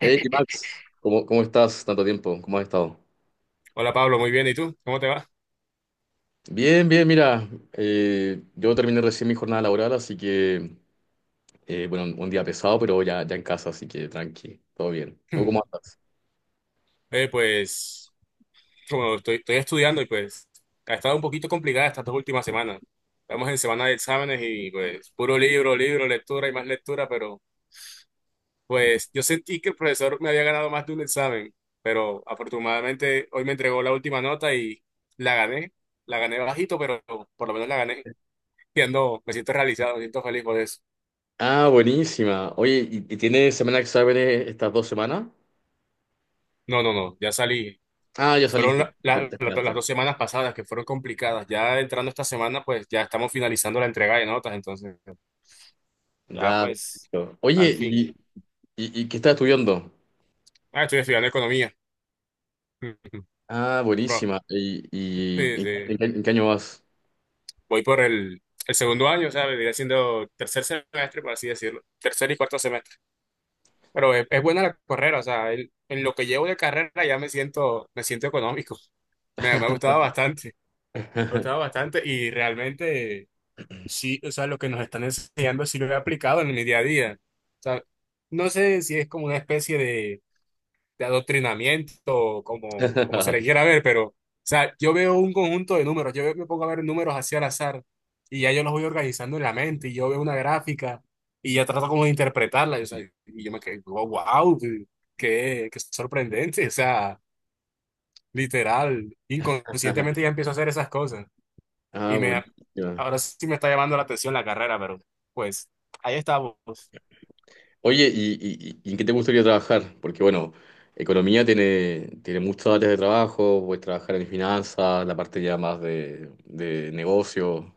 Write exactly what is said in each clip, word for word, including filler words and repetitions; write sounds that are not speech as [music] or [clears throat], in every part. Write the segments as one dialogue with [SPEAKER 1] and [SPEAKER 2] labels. [SPEAKER 1] Hey Max, ¿cómo, cómo estás? Tanto tiempo, ¿cómo has estado?
[SPEAKER 2] Hola Pablo, muy bien. ¿Y tú? ¿Cómo te va?
[SPEAKER 1] Bien, bien, mira, eh, yo terminé recién mi jornada laboral, así que, eh, bueno, un día pesado, pero ya, ya en casa, así que tranqui, todo bien. ¿Tú cómo
[SPEAKER 2] [clears throat] [laughs]
[SPEAKER 1] andas?
[SPEAKER 2] Eh, pues, como estoy, estoy estudiando y pues ha estado un poquito complicada estas dos últimas semanas. Estamos en semana de exámenes y pues puro libro, libro, lectura y más lectura, pero pues yo sentí que el profesor me había ganado más de un examen, pero afortunadamente hoy me entregó la última nota y la gané. La gané bajito, pero por lo menos la gané. Y ando- me siento realizado, me siento feliz por eso.
[SPEAKER 1] Ah, buenísima. Oye, ¿y, y tienes semana de exámenes estas dos semanas?
[SPEAKER 2] No, no, no, ya salí.
[SPEAKER 1] Ah, ya
[SPEAKER 2] Fueron
[SPEAKER 1] saliste,
[SPEAKER 2] la-
[SPEAKER 1] te, te
[SPEAKER 2] la- la- las dos
[SPEAKER 1] terminaste.
[SPEAKER 2] semanas pasadas que fueron complicadas. Ya entrando esta semana, pues ya estamos finalizando la entrega de notas, entonces ya
[SPEAKER 1] Ya,
[SPEAKER 2] pues
[SPEAKER 1] perfecto.
[SPEAKER 2] al
[SPEAKER 1] Oye,
[SPEAKER 2] fin.
[SPEAKER 1] ¿y, y- y qué estás estudiando?
[SPEAKER 2] Ah, estoy estudiando economía.
[SPEAKER 1] Ah,
[SPEAKER 2] [laughs] Pro-
[SPEAKER 1] buenísima. ¿Y, y
[SPEAKER 2] sí,
[SPEAKER 1] en,
[SPEAKER 2] sí.
[SPEAKER 1] en qué en qué año vas?
[SPEAKER 2] Voy por el, el segundo año, ¿sabes? Vendría siendo tercer semestre, por así decirlo. Tercer y cuarto semestre. Pero es, es buena la carrera, o sea, el- en lo que llevo de carrera ya me siento, me siento económico. Me, me ha gustado bastante. Me ha
[SPEAKER 1] [laughs]
[SPEAKER 2] gustado bastante y realmente, sí, o sea, lo que nos están enseñando sí lo he aplicado en mi día a día. O sea, no sé si es como una especie de, de adoctrinamiento, o como, como se le
[SPEAKER 1] [laughs]
[SPEAKER 2] quiera ver, pero, o sea, yo veo un conjunto de números, yo veo- me pongo a ver números así al azar, y ya yo los voy organizando en la mente, y yo veo una gráfica, y ya trato como de interpretarla, y, o sea, y yo me quedo, wow, qué, qué sorprendente, o sea, literal, inconscientemente ya empiezo a hacer esas cosas.
[SPEAKER 1] Ah,
[SPEAKER 2] Y me,
[SPEAKER 1] buenísima.
[SPEAKER 2] ahora sí me está llamando la atención la carrera, pero pues ahí estamos.
[SPEAKER 1] Oye, ¿y, y- y en qué te gustaría trabajar? Porque bueno, economía tiene, tiene muchas áreas de trabajo, puedes trabajar en finanzas, la parte ya más de, de negocio.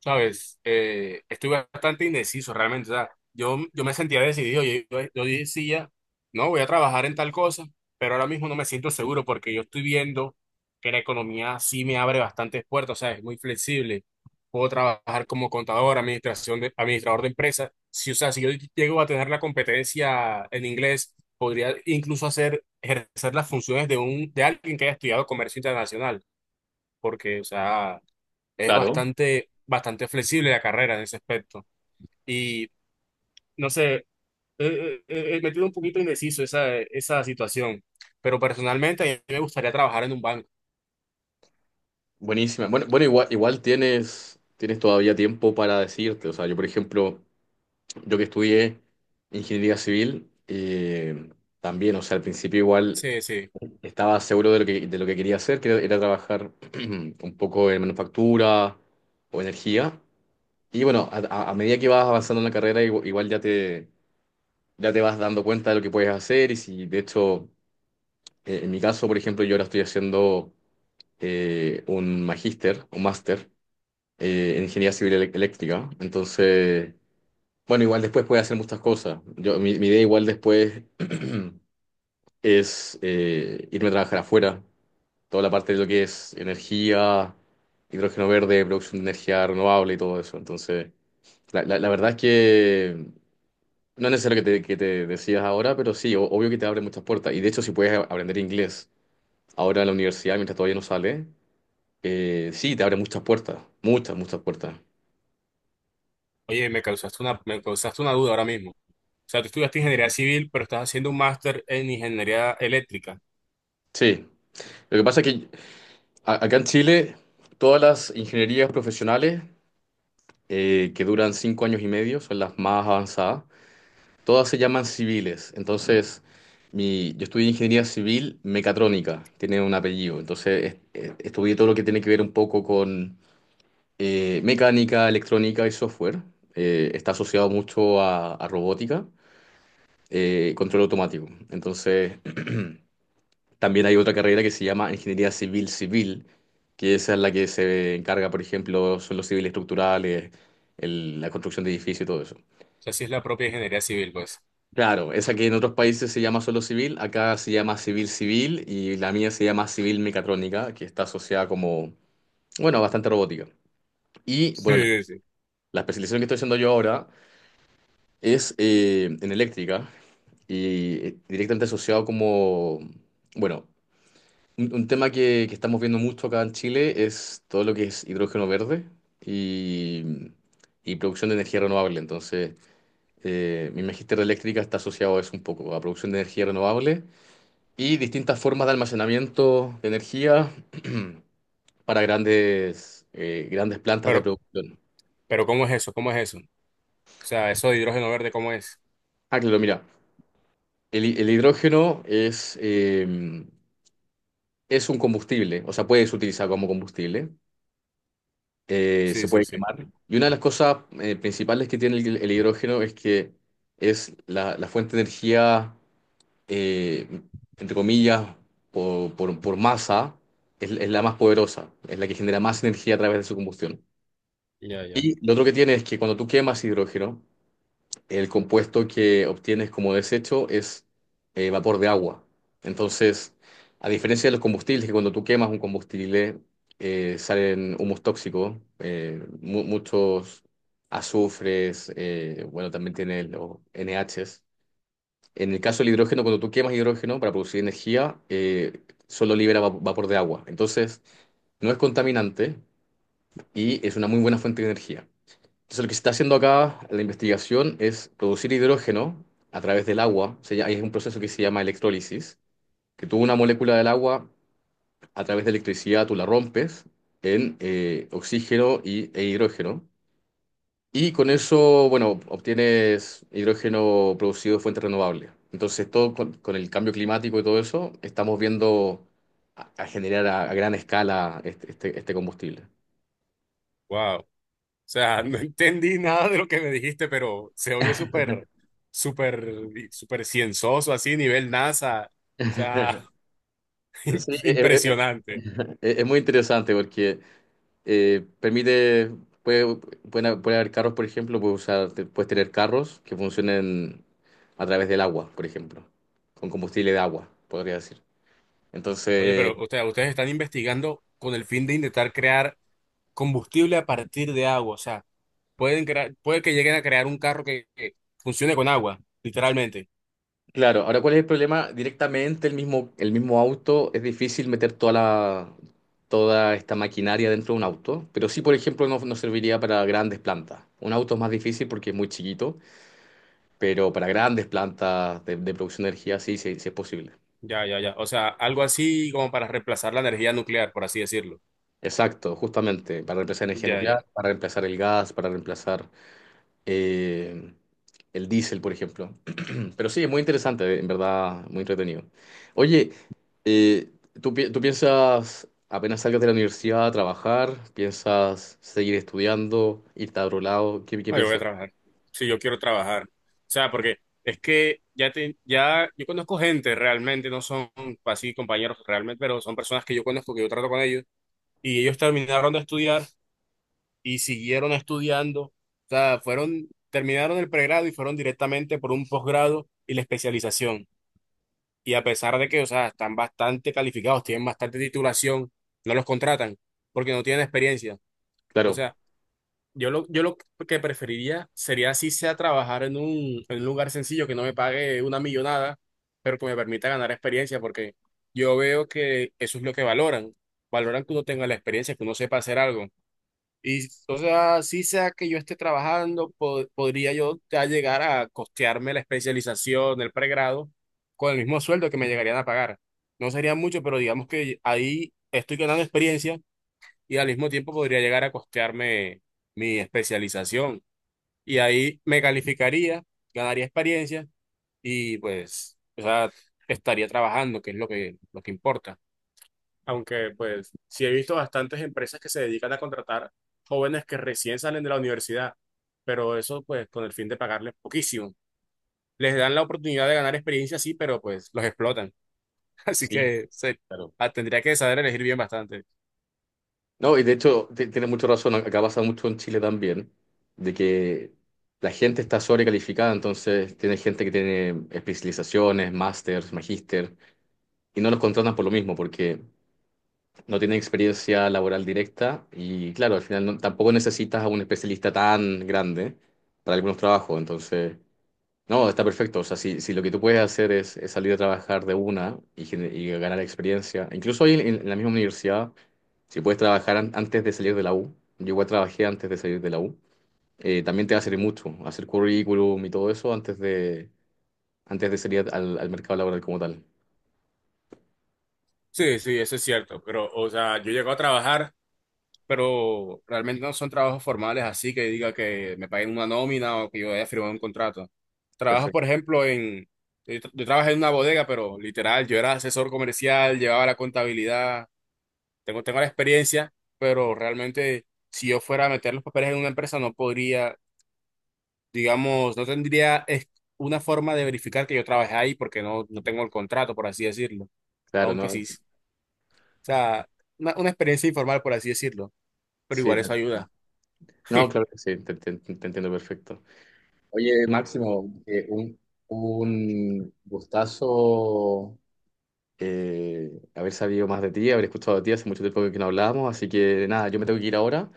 [SPEAKER 2] Sabes, eh, estoy bastante indeciso realmente. O sea, yo, yo me sentía decidido. Yo, yo- yo decía, no, voy a trabajar en tal cosa, pero ahora mismo no me siento seguro porque yo estoy viendo que la economía sí me abre bastantes puertas. O sea, es muy flexible. Puedo trabajar como contador, administración de, administrador de empresas. Si, o sea, si yo llego a tener la competencia en inglés, podría incluso hacer, ejercer las funciones de un, de alguien que haya estudiado comercio internacional. Porque, o sea, es
[SPEAKER 1] Claro,
[SPEAKER 2] bastante, bastante flexible la carrera en ese aspecto. Y no sé, eh, eh, eh, me tiene un poquito indeciso esa, esa situación, pero personalmente a mí me gustaría trabajar en un banco.
[SPEAKER 1] buenísima. Bueno, bueno, igual, igual tienes, tienes todavía tiempo para decirte. O sea, yo por ejemplo, yo que estudié ingeniería civil, eh, también, o sea, al principio igual
[SPEAKER 2] Sí, sí.
[SPEAKER 1] estaba seguro de lo que, de lo que quería hacer, que era, era trabajar [clears throat] un poco en manufactura o energía. Y bueno, a, a- a medida que vas avanzando en la carrera, igu- igual, ya te, ya te vas dando cuenta de lo que puedes hacer. Y si, de hecho, eh, en mi caso, por ejemplo, yo ahora estoy haciendo eh, un magíster, un máster eh, en ingeniería civil elec- eléctrica. Entonces, bueno, igual después puedes hacer muchas cosas. Yo, mi, mi idea igual después [clears throat] es eh, irme a trabajar afuera. Toda la parte de lo que es energía, hidrógeno verde, producción de energía renovable y todo eso. Entonces, la, la la verdad es que. No es necesario que te, que te decías ahora, pero sí, o- obvio que te abre muchas puertas. Y de hecho, si puedes a- aprender inglés ahora en la universidad, mientras todavía no sale, eh, sí, te abre muchas puertas, muchas, muchas puertas.
[SPEAKER 2] Oye, me causaste una, me causaste una duda ahora mismo. O sea, tú estudiaste ingeniería civil, pero estás haciendo un máster en ingeniería eléctrica. O
[SPEAKER 1] Sí, lo que pasa es que a- acá en Chile, todas las ingenierías profesionales eh, que duran cinco años y medio son las más avanzadas, todas se llaman civiles. Entonces, mi, yo estudié ingeniería civil mecatrónica, tiene un apellido. Entonces, es- es- estudié todo lo que tiene que ver un poco con eh, mecánica, electrónica y software. Eh, está asociado mucho a, a robótica, eh, control automático. Entonces, también hay otra carrera que se llama ingeniería civil civil, que esa es la que se encarga, por ejemplo, son los civiles estructurales, el- la construcción de edificios y todo eso.
[SPEAKER 2] sea, sí es la propia ingeniería civil, pues.
[SPEAKER 1] Claro, esa que en otros países se llama solo civil, acá se llama civil civil y la mía se llama civil mecatrónica, que está asociada como, bueno, bastante robótica. Y bueno, la,
[SPEAKER 2] Sí, sí, sí.
[SPEAKER 1] la especialización que estoy haciendo yo ahora es eh, en eléctrica y eh, directamente asociado como, bueno, un, un tema que, que estamos viendo mucho acá en Chile es todo lo que es hidrógeno verde y, y producción de energía renovable. Entonces, eh, mi magíster de eléctrica está asociado a eso un poco, a producción de energía renovable y distintas formas de almacenamiento de energía [clears throat] para grandes, eh, grandes plantas de
[SPEAKER 2] Pero,
[SPEAKER 1] producción.
[SPEAKER 2] pero ¿cómo es eso? ¿Cómo es eso? O sea, eso de hidrógeno verde, ¿cómo es?
[SPEAKER 1] Ah, claro, mira, el, hi- el hidrógeno es... em, Es un combustible, o sea, puedes utilizar como combustible, eh,
[SPEAKER 2] Sí,
[SPEAKER 1] se
[SPEAKER 2] sí,
[SPEAKER 1] puede
[SPEAKER 2] sí.
[SPEAKER 1] quemar. Y una de las cosas eh, principales que tiene el, el hidrógeno es que es la, la fuente de energía, eh, entre comillas, por, por- por masa, es, es la más poderosa, es la que genera más energía a través de su combustión.
[SPEAKER 2] Ya, ya.
[SPEAKER 1] Y lo otro que tiene es que cuando tú quemas hidrógeno, el compuesto que obtienes como desecho es eh, vapor de agua. Entonces, a diferencia de los combustibles, que cuando tú quemas un combustible eh, salen humos tóxicos, eh, mu- muchos azufres, eh, bueno, también tiene los N Hs. En el caso del hidrógeno, cuando tú quemas hidrógeno para producir energía, eh, solo libera va- vapor de agua. Entonces, no es contaminante y es una muy buena fuente de energía. Entonces, lo que se está haciendo acá, la investigación, es producir hidrógeno a través del agua. Se llama- hay un proceso que se llama electrólisis, que tú una molécula del agua, a través de electricidad, tú la rompes en eh, oxígeno y, e hidrógeno. Y con eso, bueno, obtienes hidrógeno producido de fuentes renovables. Entonces, todo con, con el cambio climático y todo eso, estamos viendo a, a generar a, a gran escala este, este este combustible.
[SPEAKER 2] Wow. O sea, no entendí nada de lo que me dijiste, pero se oye súper, súper, súper cienzoso, así, nivel NASA. O sea, [laughs] im-
[SPEAKER 1] Sí, es, es-
[SPEAKER 2] impresionante.
[SPEAKER 1] es- es muy interesante porque Eh, permite, puede, pueden- ha- puede haber carros, por ejemplo, puedes usar, te- puedes tener carros que funcionen a través del agua, por ejemplo, con combustible de agua, podría decir.
[SPEAKER 2] Oye,
[SPEAKER 1] Entonces,
[SPEAKER 2] pero usted- ustedes están investigando con el fin de intentar crear combustible a partir de agua. O sea, pueden crear, puede que lleguen a crear un carro que, que funcione con agua, literalmente.
[SPEAKER 1] claro, ahora ¿cuál es el problema? Directamente el mismo, el mismo auto, es difícil meter toda la, toda esta maquinaria dentro de un auto, pero sí, por ejemplo, no, no serviría para grandes plantas. Un auto es más difícil porque es muy chiquito, pero para grandes plantas de, de producción de energía sí, sí, sí es posible.
[SPEAKER 2] Ya, ya, ya. O sea, algo así como para reemplazar la energía nuclear, por así decirlo.
[SPEAKER 1] Exacto, justamente, para reemplazar energía
[SPEAKER 2] Ya,
[SPEAKER 1] nuclear,
[SPEAKER 2] ya.
[SPEAKER 1] para reemplazar el gas, para reemplazar eh, el diésel, por ejemplo. [clears throat] Pero sí, es muy interesante, en verdad, muy entretenido. Oye, eh, ¿tú, pi- tú piensas, apenas salgas de la universidad a trabajar, piensas seguir estudiando, irte a otro lado? ¿Qué, qué
[SPEAKER 2] No, yo voy a
[SPEAKER 1] piensas?
[SPEAKER 2] trabajar. Sí, yo quiero trabajar. O sea, porque es que ya te, ya yo conozco gente realmente, no son así compañeros realmente, pero son personas que yo conozco, que yo trato con ellos, y ellos terminaron de estudiar y siguieron estudiando. O sea, fueron, terminaron el pregrado y fueron directamente por un posgrado y la especialización. Y a pesar de que, o sea, están bastante calificados, tienen bastante titulación, no los contratan porque no tienen experiencia. O
[SPEAKER 1] Claro,
[SPEAKER 2] sea, yo lo, yo lo que preferiría sería así sea trabajar en un, en un lugar sencillo que no me pague una millonada, pero que me permita ganar experiencia, porque yo veo que eso es lo que valoran. Valoran que uno tenga la experiencia, que uno sepa hacer algo. Y o sea, así sea que yo esté trabajando, po- podría yo ya llegar a costearme la especialización, el pregrado, con el mismo sueldo que me llegarían a pagar. No sería mucho, pero digamos que ahí estoy ganando experiencia y al mismo tiempo podría llegar a costearme mi especialización. Y ahí me calificaría, ganaría experiencia y pues, o sea, estaría trabajando, que es lo que, lo que importa. Aunque pues sí he visto bastantes empresas que se dedican a contratar jóvenes que recién salen de la universidad, pero eso pues con el fin de pagarles poquísimo. Les dan la oportunidad de ganar experiencia, sí, pero pues los explotan. [laughs] Así
[SPEAKER 1] sí,
[SPEAKER 2] que se,
[SPEAKER 1] claro.
[SPEAKER 2] ah, tendría que saber elegir bien bastante.
[SPEAKER 1] No, y de hecho ti- tiene mucho razón, acá pasa mucho en Chile también, de que la gente está sobrecalificada, entonces tiene gente que tiene especializaciones, másters, magíster, y no los contratan por lo mismo, porque no tienen experiencia laboral directa y claro, al final no- tampoco necesitas a un especialista tan grande para algunos trabajos, entonces... No, está perfecto. O sea, si, si lo que tú puedes hacer es, es salir a trabajar de una y, gen- y ganar experiencia, incluso ahí en, en la misma universidad, si puedes trabajar an- antes de salir de la U, yo igual trabajé antes de salir de la U, eh, también te va a servir mucho hacer currículum y todo eso antes de, antes de salir al, al mercado laboral como tal.
[SPEAKER 2] Sí, sí, eso es cierto, pero o sea, yo llego a trabajar pero realmente no son trabajos formales así que diga que me paguen una nómina o que yo haya firmado un contrato. Trabajo, por
[SPEAKER 1] Perfecto.
[SPEAKER 2] ejemplo, en... Yo, tra- yo trabajé en una bodega, pero literal, yo era asesor comercial, llevaba la contabilidad, tengo, tengo la experiencia, pero realmente si yo fuera a meter los papeles en una empresa no podría, digamos, no tendría es- una forma de verificar que yo trabajé ahí porque no, no tengo el contrato, por así decirlo.
[SPEAKER 1] Claro,
[SPEAKER 2] Aunque
[SPEAKER 1] no,
[SPEAKER 2] sí, o sea, una, una experiencia informal, por así decirlo, pero
[SPEAKER 1] sí,
[SPEAKER 2] igual
[SPEAKER 1] te-
[SPEAKER 2] eso ayuda.
[SPEAKER 1] no, claro que sí, te, te- te entiendo perfecto. Oye, Máximo, eh, un, un gustazo eh, haber sabido más de ti, haber escuchado de ti, hace mucho tiempo que no hablábamos, así que nada, yo me tengo que ir ahora,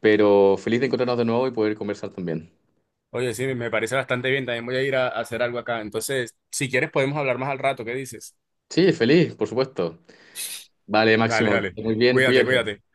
[SPEAKER 1] pero feliz de encontrarnos de nuevo y poder conversar también.
[SPEAKER 2] Oye, sí, me parece bastante bien. También voy a ir a, a hacer algo acá. Entonces, si quieres, podemos hablar más al rato. ¿Qué dices?
[SPEAKER 1] Sí, feliz, por supuesto. Vale,
[SPEAKER 2] Dale,
[SPEAKER 1] Máximo, que
[SPEAKER 2] dale.
[SPEAKER 1] estés muy bien,
[SPEAKER 2] Cuídate,
[SPEAKER 1] cuídate.
[SPEAKER 2] cuídate.